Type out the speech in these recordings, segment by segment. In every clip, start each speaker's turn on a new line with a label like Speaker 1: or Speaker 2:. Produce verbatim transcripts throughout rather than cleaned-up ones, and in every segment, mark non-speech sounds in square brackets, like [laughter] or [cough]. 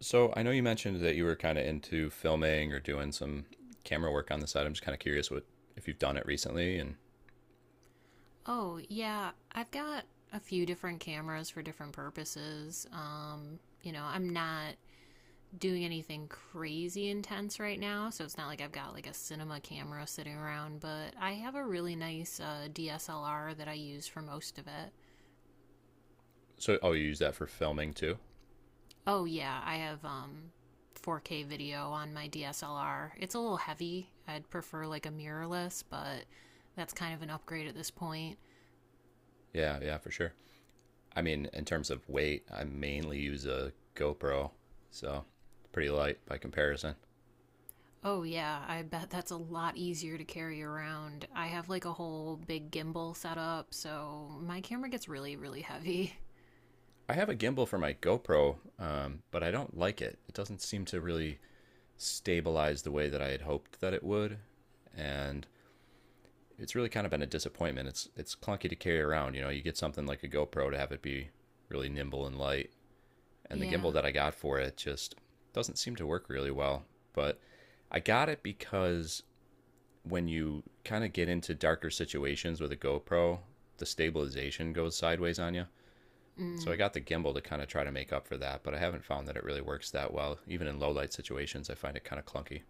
Speaker 1: So I know you mentioned that you were kind of into filming or doing some camera work on the side. I'm just kind of curious what if you've done it recently and
Speaker 2: Oh, yeah. I've got a few different cameras for different purposes. Um, you know, I'm not doing anything crazy intense right now, so it's not like I've got like a cinema camera sitting around, but I have a really nice uh, D S L R that I use for most of it.
Speaker 1: so oh you use that for filming too?
Speaker 2: Oh, yeah. I have um four K video on my D S L R. It's a little heavy. I'd prefer like a mirrorless, but that's kind of an upgrade at this point.
Speaker 1: Yeah, yeah, for sure. I mean, in terms of weight, I mainly use a GoPro, so it's pretty light by comparison.
Speaker 2: Oh, yeah, I bet that's a lot easier to carry around. I have like a whole big gimbal set up, so my camera gets really, really heavy. [laughs]
Speaker 1: I have a gimbal for my GoPro, um, but I don't like it. It doesn't seem to really stabilize the way that I had hoped that it would, and it's really kind of been a disappointment. It's it's clunky to carry around. You know, you get something like a GoPro to have it be really nimble and light, and the gimbal
Speaker 2: Yeah.
Speaker 1: that I got for it just doesn't seem to work really well. But I got it because when you kind of get into darker situations with a GoPro, the stabilization goes sideways on you. So I
Speaker 2: Mm.
Speaker 1: got the gimbal to kind of try to make up for that, but I haven't found that it really works that well. Even in low light situations, I find it kind of clunky.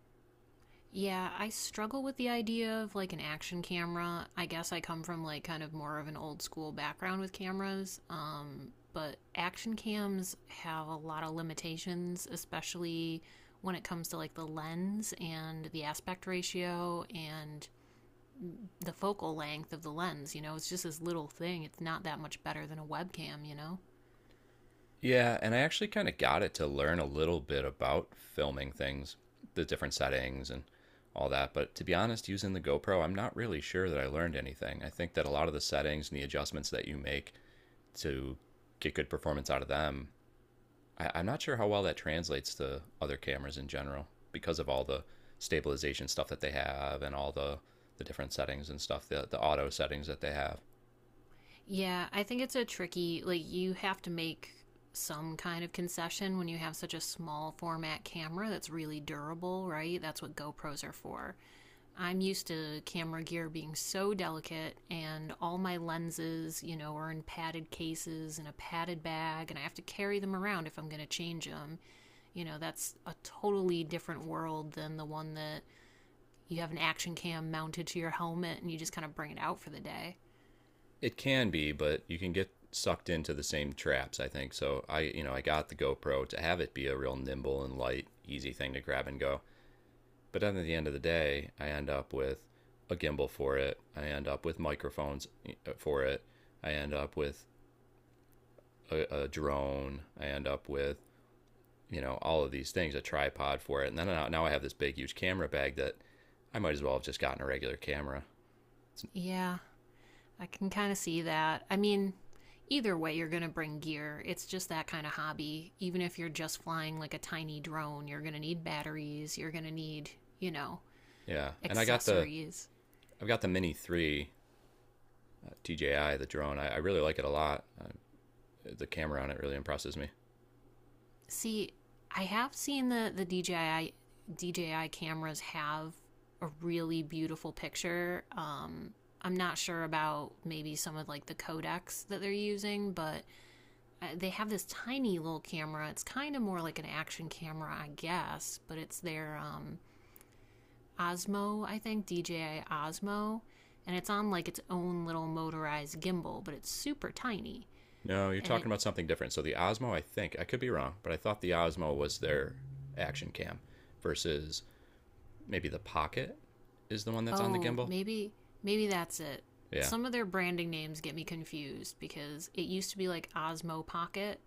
Speaker 2: Yeah, I struggle with the idea of like an action camera. I guess I come from like kind of more of an old school background with cameras. Um, but action cams have a lot of limitations, especially when it comes to like the lens and the aspect ratio and the focal length of the lens, you know, it's just this little thing. It's not that much better than a webcam, you know?
Speaker 1: Yeah, and I actually kind of got it to learn a little bit about filming things, the different settings and all that. But to be honest, using the GoPro, I'm not really sure that I learned anything. I think that a lot of the settings and the adjustments that you make to get good performance out of them, I, I'm not sure how well that translates to other cameras in general because of all the stabilization stuff that they have and all the the different settings and stuff, the the auto settings that they have.
Speaker 2: Yeah, I think it's a tricky, like, you have to make some kind of concession when you have such a small format camera that's really durable, right? That's what GoPros are for. I'm used to camera gear being so delicate, and all my lenses, you know, are in padded cases and a padded bag, and I have to carry them around if I'm going to change them. You know, that's a totally different world than the one that you have an action cam mounted to your helmet and you just kind of bring it out for the day.
Speaker 1: It can be, but you can get sucked into the same traps, I think. So I, you know, I got the GoPro to have it be a real nimble and light, easy thing to grab and go. But then at the end of the day, I end up with a gimbal for it. I end up with microphones eh, uh, for it. I end up with a, a drone. I end up with, you know, all of these things, a tripod for it. And then now, now I have this big, huge camera bag that I might as well have just gotten a regular camera.
Speaker 2: Yeah, I can kind of see that. I mean, either way, you're going to bring gear. It's just that kind of hobby. Even if you're just flying like a tiny drone, you're going to need batteries, you're going to need, you know,
Speaker 1: Yeah. And I got the,
Speaker 2: accessories.
Speaker 1: I've got the Mini three uh, D J I, the drone. I, I really like it a lot. Uh, the camera on it really impresses me.
Speaker 2: See, I have seen the the D J I D J I cameras have a really beautiful picture. Um I'm not sure about maybe some of like the codecs that they're using, but Uh, they have this tiny little camera. It's kind of more like an action camera, I guess, but it's their um, Osmo, I think, D J I Osmo, and it's on like its own little motorized gimbal, but it's super tiny.
Speaker 1: No, you're
Speaker 2: And it
Speaker 1: talking about something different. So the Osmo, I think I could be wrong, but I thought the Osmo was their action cam versus maybe the Pocket is the one that's on the
Speaker 2: Oh,
Speaker 1: gimbal.
Speaker 2: maybe maybe that's it.
Speaker 1: Yeah.
Speaker 2: Some of their branding names get me confused because it used to be like Osmo Pocket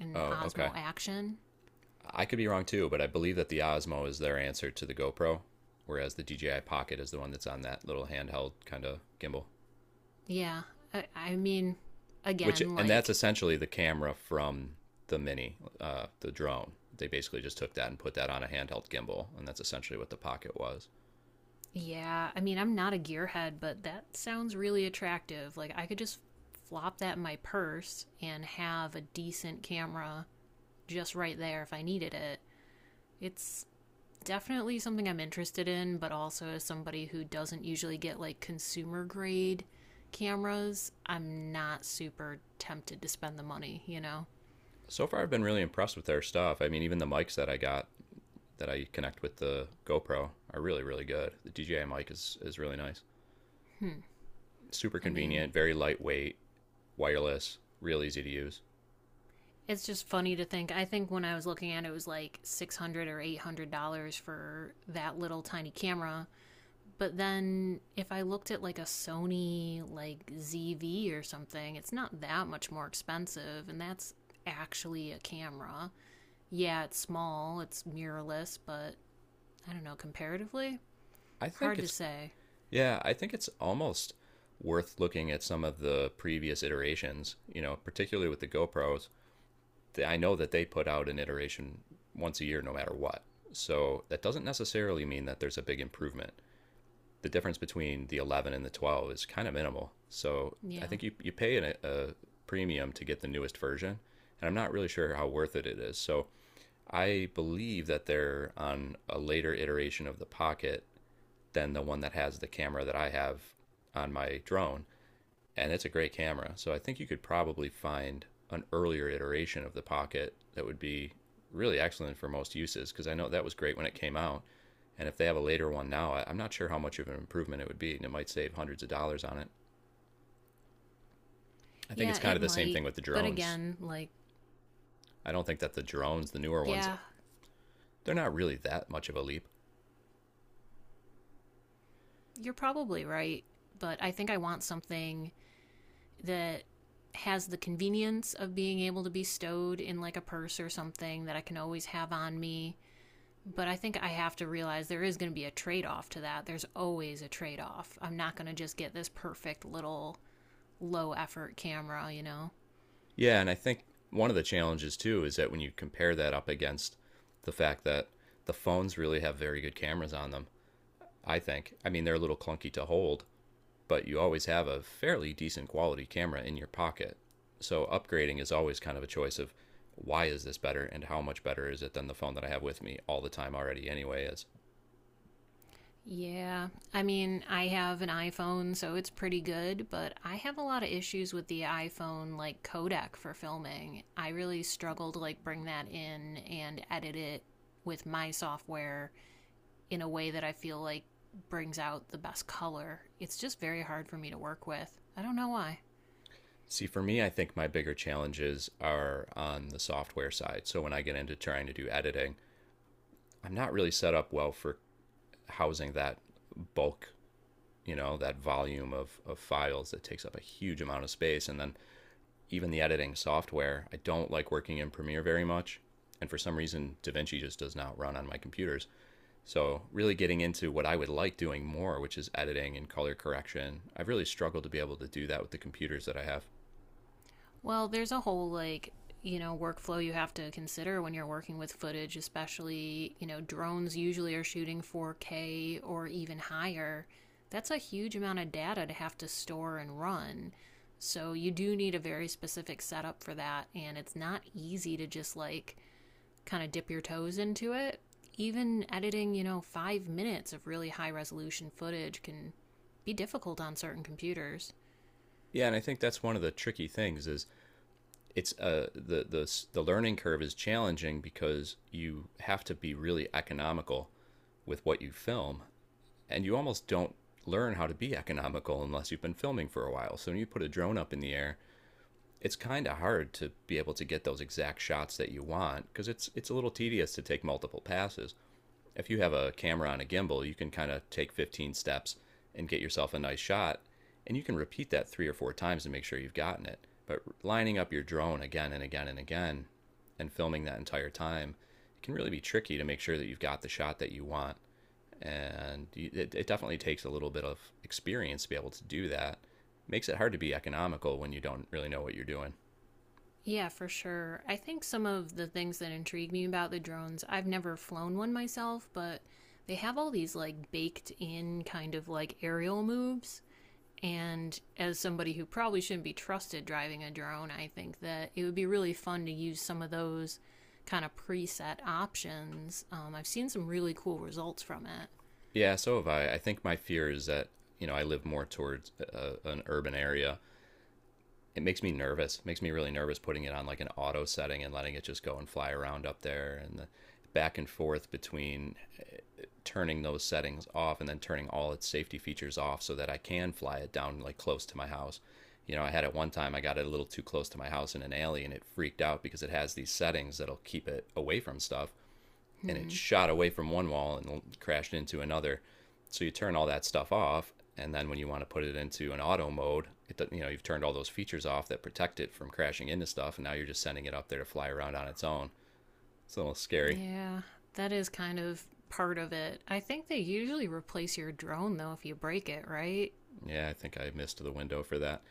Speaker 2: and
Speaker 1: Oh, okay.
Speaker 2: Osmo Action.
Speaker 1: I could be wrong too, but I believe that the Osmo is their answer to the GoPro, whereas the D J I Pocket is the one that's on that little handheld kind of gimbal.
Speaker 2: Yeah, I, I mean,
Speaker 1: Which
Speaker 2: again,
Speaker 1: and that's
Speaker 2: like
Speaker 1: essentially the camera from the mini uh, the drone. They basically just took that and put that on a handheld gimbal, and that's essentially what the Pocket was.
Speaker 2: yeah, I mean, I'm not a gearhead, but that sounds really attractive. Like, I could just flop that in my purse and have a decent camera just right there if I needed it. It's definitely something I'm interested in, but also as somebody who doesn't usually get like consumer grade cameras, I'm not super tempted to spend the money, you know?
Speaker 1: So far I've been really impressed with their stuff. I mean, even the mics that I got that I connect with the GoPro are really really good. The DJI mic is, is really nice,
Speaker 2: Hmm.
Speaker 1: super
Speaker 2: I mean,
Speaker 1: convenient, very lightweight, wireless, real easy to use.
Speaker 2: it's just funny to think. I think when I was looking at it, it was like six hundred or eight hundred dollars for that little tiny camera. But then if I looked at like a Sony like Z V or something, it's not that much more expensive and that's actually a camera. Yeah, it's small, it's mirrorless, but I don't know, comparatively,
Speaker 1: I think
Speaker 2: hard to
Speaker 1: it's
Speaker 2: say.
Speaker 1: Yeah, I think it's almost worth looking at some of the previous iterations, you know, particularly with the GoPros. I know that they put out an iteration once a year, no matter what. So that doesn't necessarily mean that there's a big improvement. The difference between the eleven and the twelve is kind of minimal. So I
Speaker 2: Yeah.
Speaker 1: think you, you pay an, a premium to get the newest version, and I'm not really sure how worth it it is. So I believe that they're on a later iteration of the Pocket than the one that has the camera that I have on my drone, and it's a great camera. So I think you could probably find an earlier iteration of the Pocket that would be really excellent for most uses, because I know that was great when it came out. And if they have a later one now, I- am not sure how much of an improvement it would be, and it might save hundreds of dollars on it. I think
Speaker 2: Yeah,
Speaker 1: it's kind
Speaker 2: it
Speaker 1: of the same
Speaker 2: might.
Speaker 1: thing with the
Speaker 2: But
Speaker 1: drones.
Speaker 2: again, like
Speaker 1: I don't think that the drones, the newer ones,
Speaker 2: yeah,
Speaker 1: they're not really that much of a leap.
Speaker 2: you're probably right, but I think I want something that has the convenience of being able to be stowed in like a purse or something that I can always have on me. But I think I have to realize there is going to be a trade off to that. There's always a trade off. I'm not going to just get this perfect little low effort camera, you know?
Speaker 1: Yeah, and I think one of the challenges too is that when you compare that up against the fact that the phones really have very good cameras on them, I think. I mean, they're a little clunky to hold, but you always have a fairly decent quality camera in your pocket. So upgrading is always kind of a choice of why is this better and how much better is it than the phone that I have with me all the time already anyway is.
Speaker 2: Yeah. I mean, I have an iPhone, so it's pretty good, but I have a lot of issues with the iPhone like codec for filming. I really struggle to like bring that in and edit it with my software in a way that I feel like brings out the best color. It's just very hard for me to work with. I don't know why.
Speaker 1: See, for me, I think my bigger challenges are on the software side. So when I get into trying to do editing, I'm not really set up well for housing that bulk, you know, that volume of, of files that takes up a huge amount of space. And then even the editing software. I don't like working in Premiere very much. And for some reason, DaVinci just does not run on my computers. So really getting into what I would like doing more, which is editing and color correction, I've really struggled to be able to do that with the computers that I have.
Speaker 2: Well, there's a whole like you know workflow you have to consider when you're working with footage, especially you know drones usually are shooting four K or even higher. That's a huge amount of data to have to store and run. So you do need a very specific setup for that, and it's not easy to just like kind of dip your toes into it. Even editing, you know, five minutes of really high resolution footage can be difficult on certain computers.
Speaker 1: Yeah, and I think that's one of the tricky things is it's uh the the the learning curve is challenging because you have to be really economical with what you film, and you almost don't learn how to be economical unless you've been filming for a while. So when you put a drone up in the air, it's kind of hard to be able to get those exact shots that you want because it's it's a little tedious to take multiple passes. If you have a camera on a gimbal, you can kind of take fifteen steps and get yourself a nice shot, and you can repeat that three or four times to make sure you've gotten it. But lining up your drone again and again and again and filming that entire time, it can really be tricky to make sure that you've got the shot that you want. And it, it definitely takes a little bit of experience to be able to do that. It makes it hard to be economical when you don't really know what you're doing.
Speaker 2: Yeah, for sure. I think some of the things that intrigue me about the drones, I've never flown one myself, but they have all these like baked in kind of like aerial moves. And as somebody who probably shouldn't be trusted driving a drone, I think that it would be really fun to use some of those kind of preset options. Um, I've seen some really cool results from it.
Speaker 1: Yeah, so have I. I think my fear is that, you know, I live more towards uh, an urban area. It makes me nervous. It makes me really nervous putting it on like an auto setting and letting it just go and fly around up there, and the back and forth between uh, turning those settings off and then turning all its safety features off so that I can fly it down like close to my house. You know, I had it one time, I got it a little too close to my house in an alley and it freaked out because it has these settings that'll keep it away from stuff and it
Speaker 2: Hmm.
Speaker 1: shot away from one wall and crashed into another. So you turn all that stuff off, and then when you want to put it into an auto mode, it you know you've turned all those features off that protect it from crashing into stuff, and now you're just sending it up there to fly around on its own. It's a little scary.
Speaker 2: Yeah, that is kind of part of it. I think they usually replace your drone though if you break it, right?
Speaker 1: Yeah, I think I missed the window for that,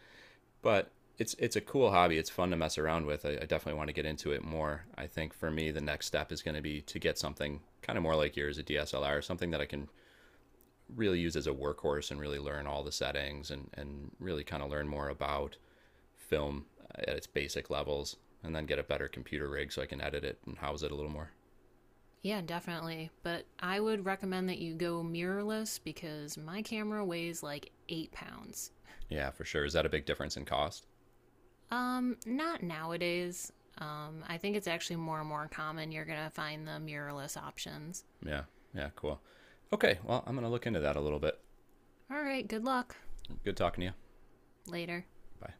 Speaker 1: but it's it's a cool hobby. It's fun to mess around with. I, I definitely want to get into it more. I think for me, the next step is going to be to get something kind of more like yours, a D S L R, something that I can really use as a workhorse and really learn all the settings, and, and really kind of learn more about film at its basic levels, and then get a better computer rig so I can edit it and house it a little more.
Speaker 2: Yeah, definitely. But I would recommend that you go mirrorless because my camera weighs like eight pounds.
Speaker 1: Yeah, for sure. Is that a big difference in cost?
Speaker 2: Um, not nowadays. Um, I think it's actually more and more common. You're gonna find the mirrorless options.
Speaker 1: Yeah. Yeah, cool. Okay, well, I'm going to look into that a little bit.
Speaker 2: All right, good luck.
Speaker 1: Good talking to you.
Speaker 2: Later.
Speaker 1: Bye.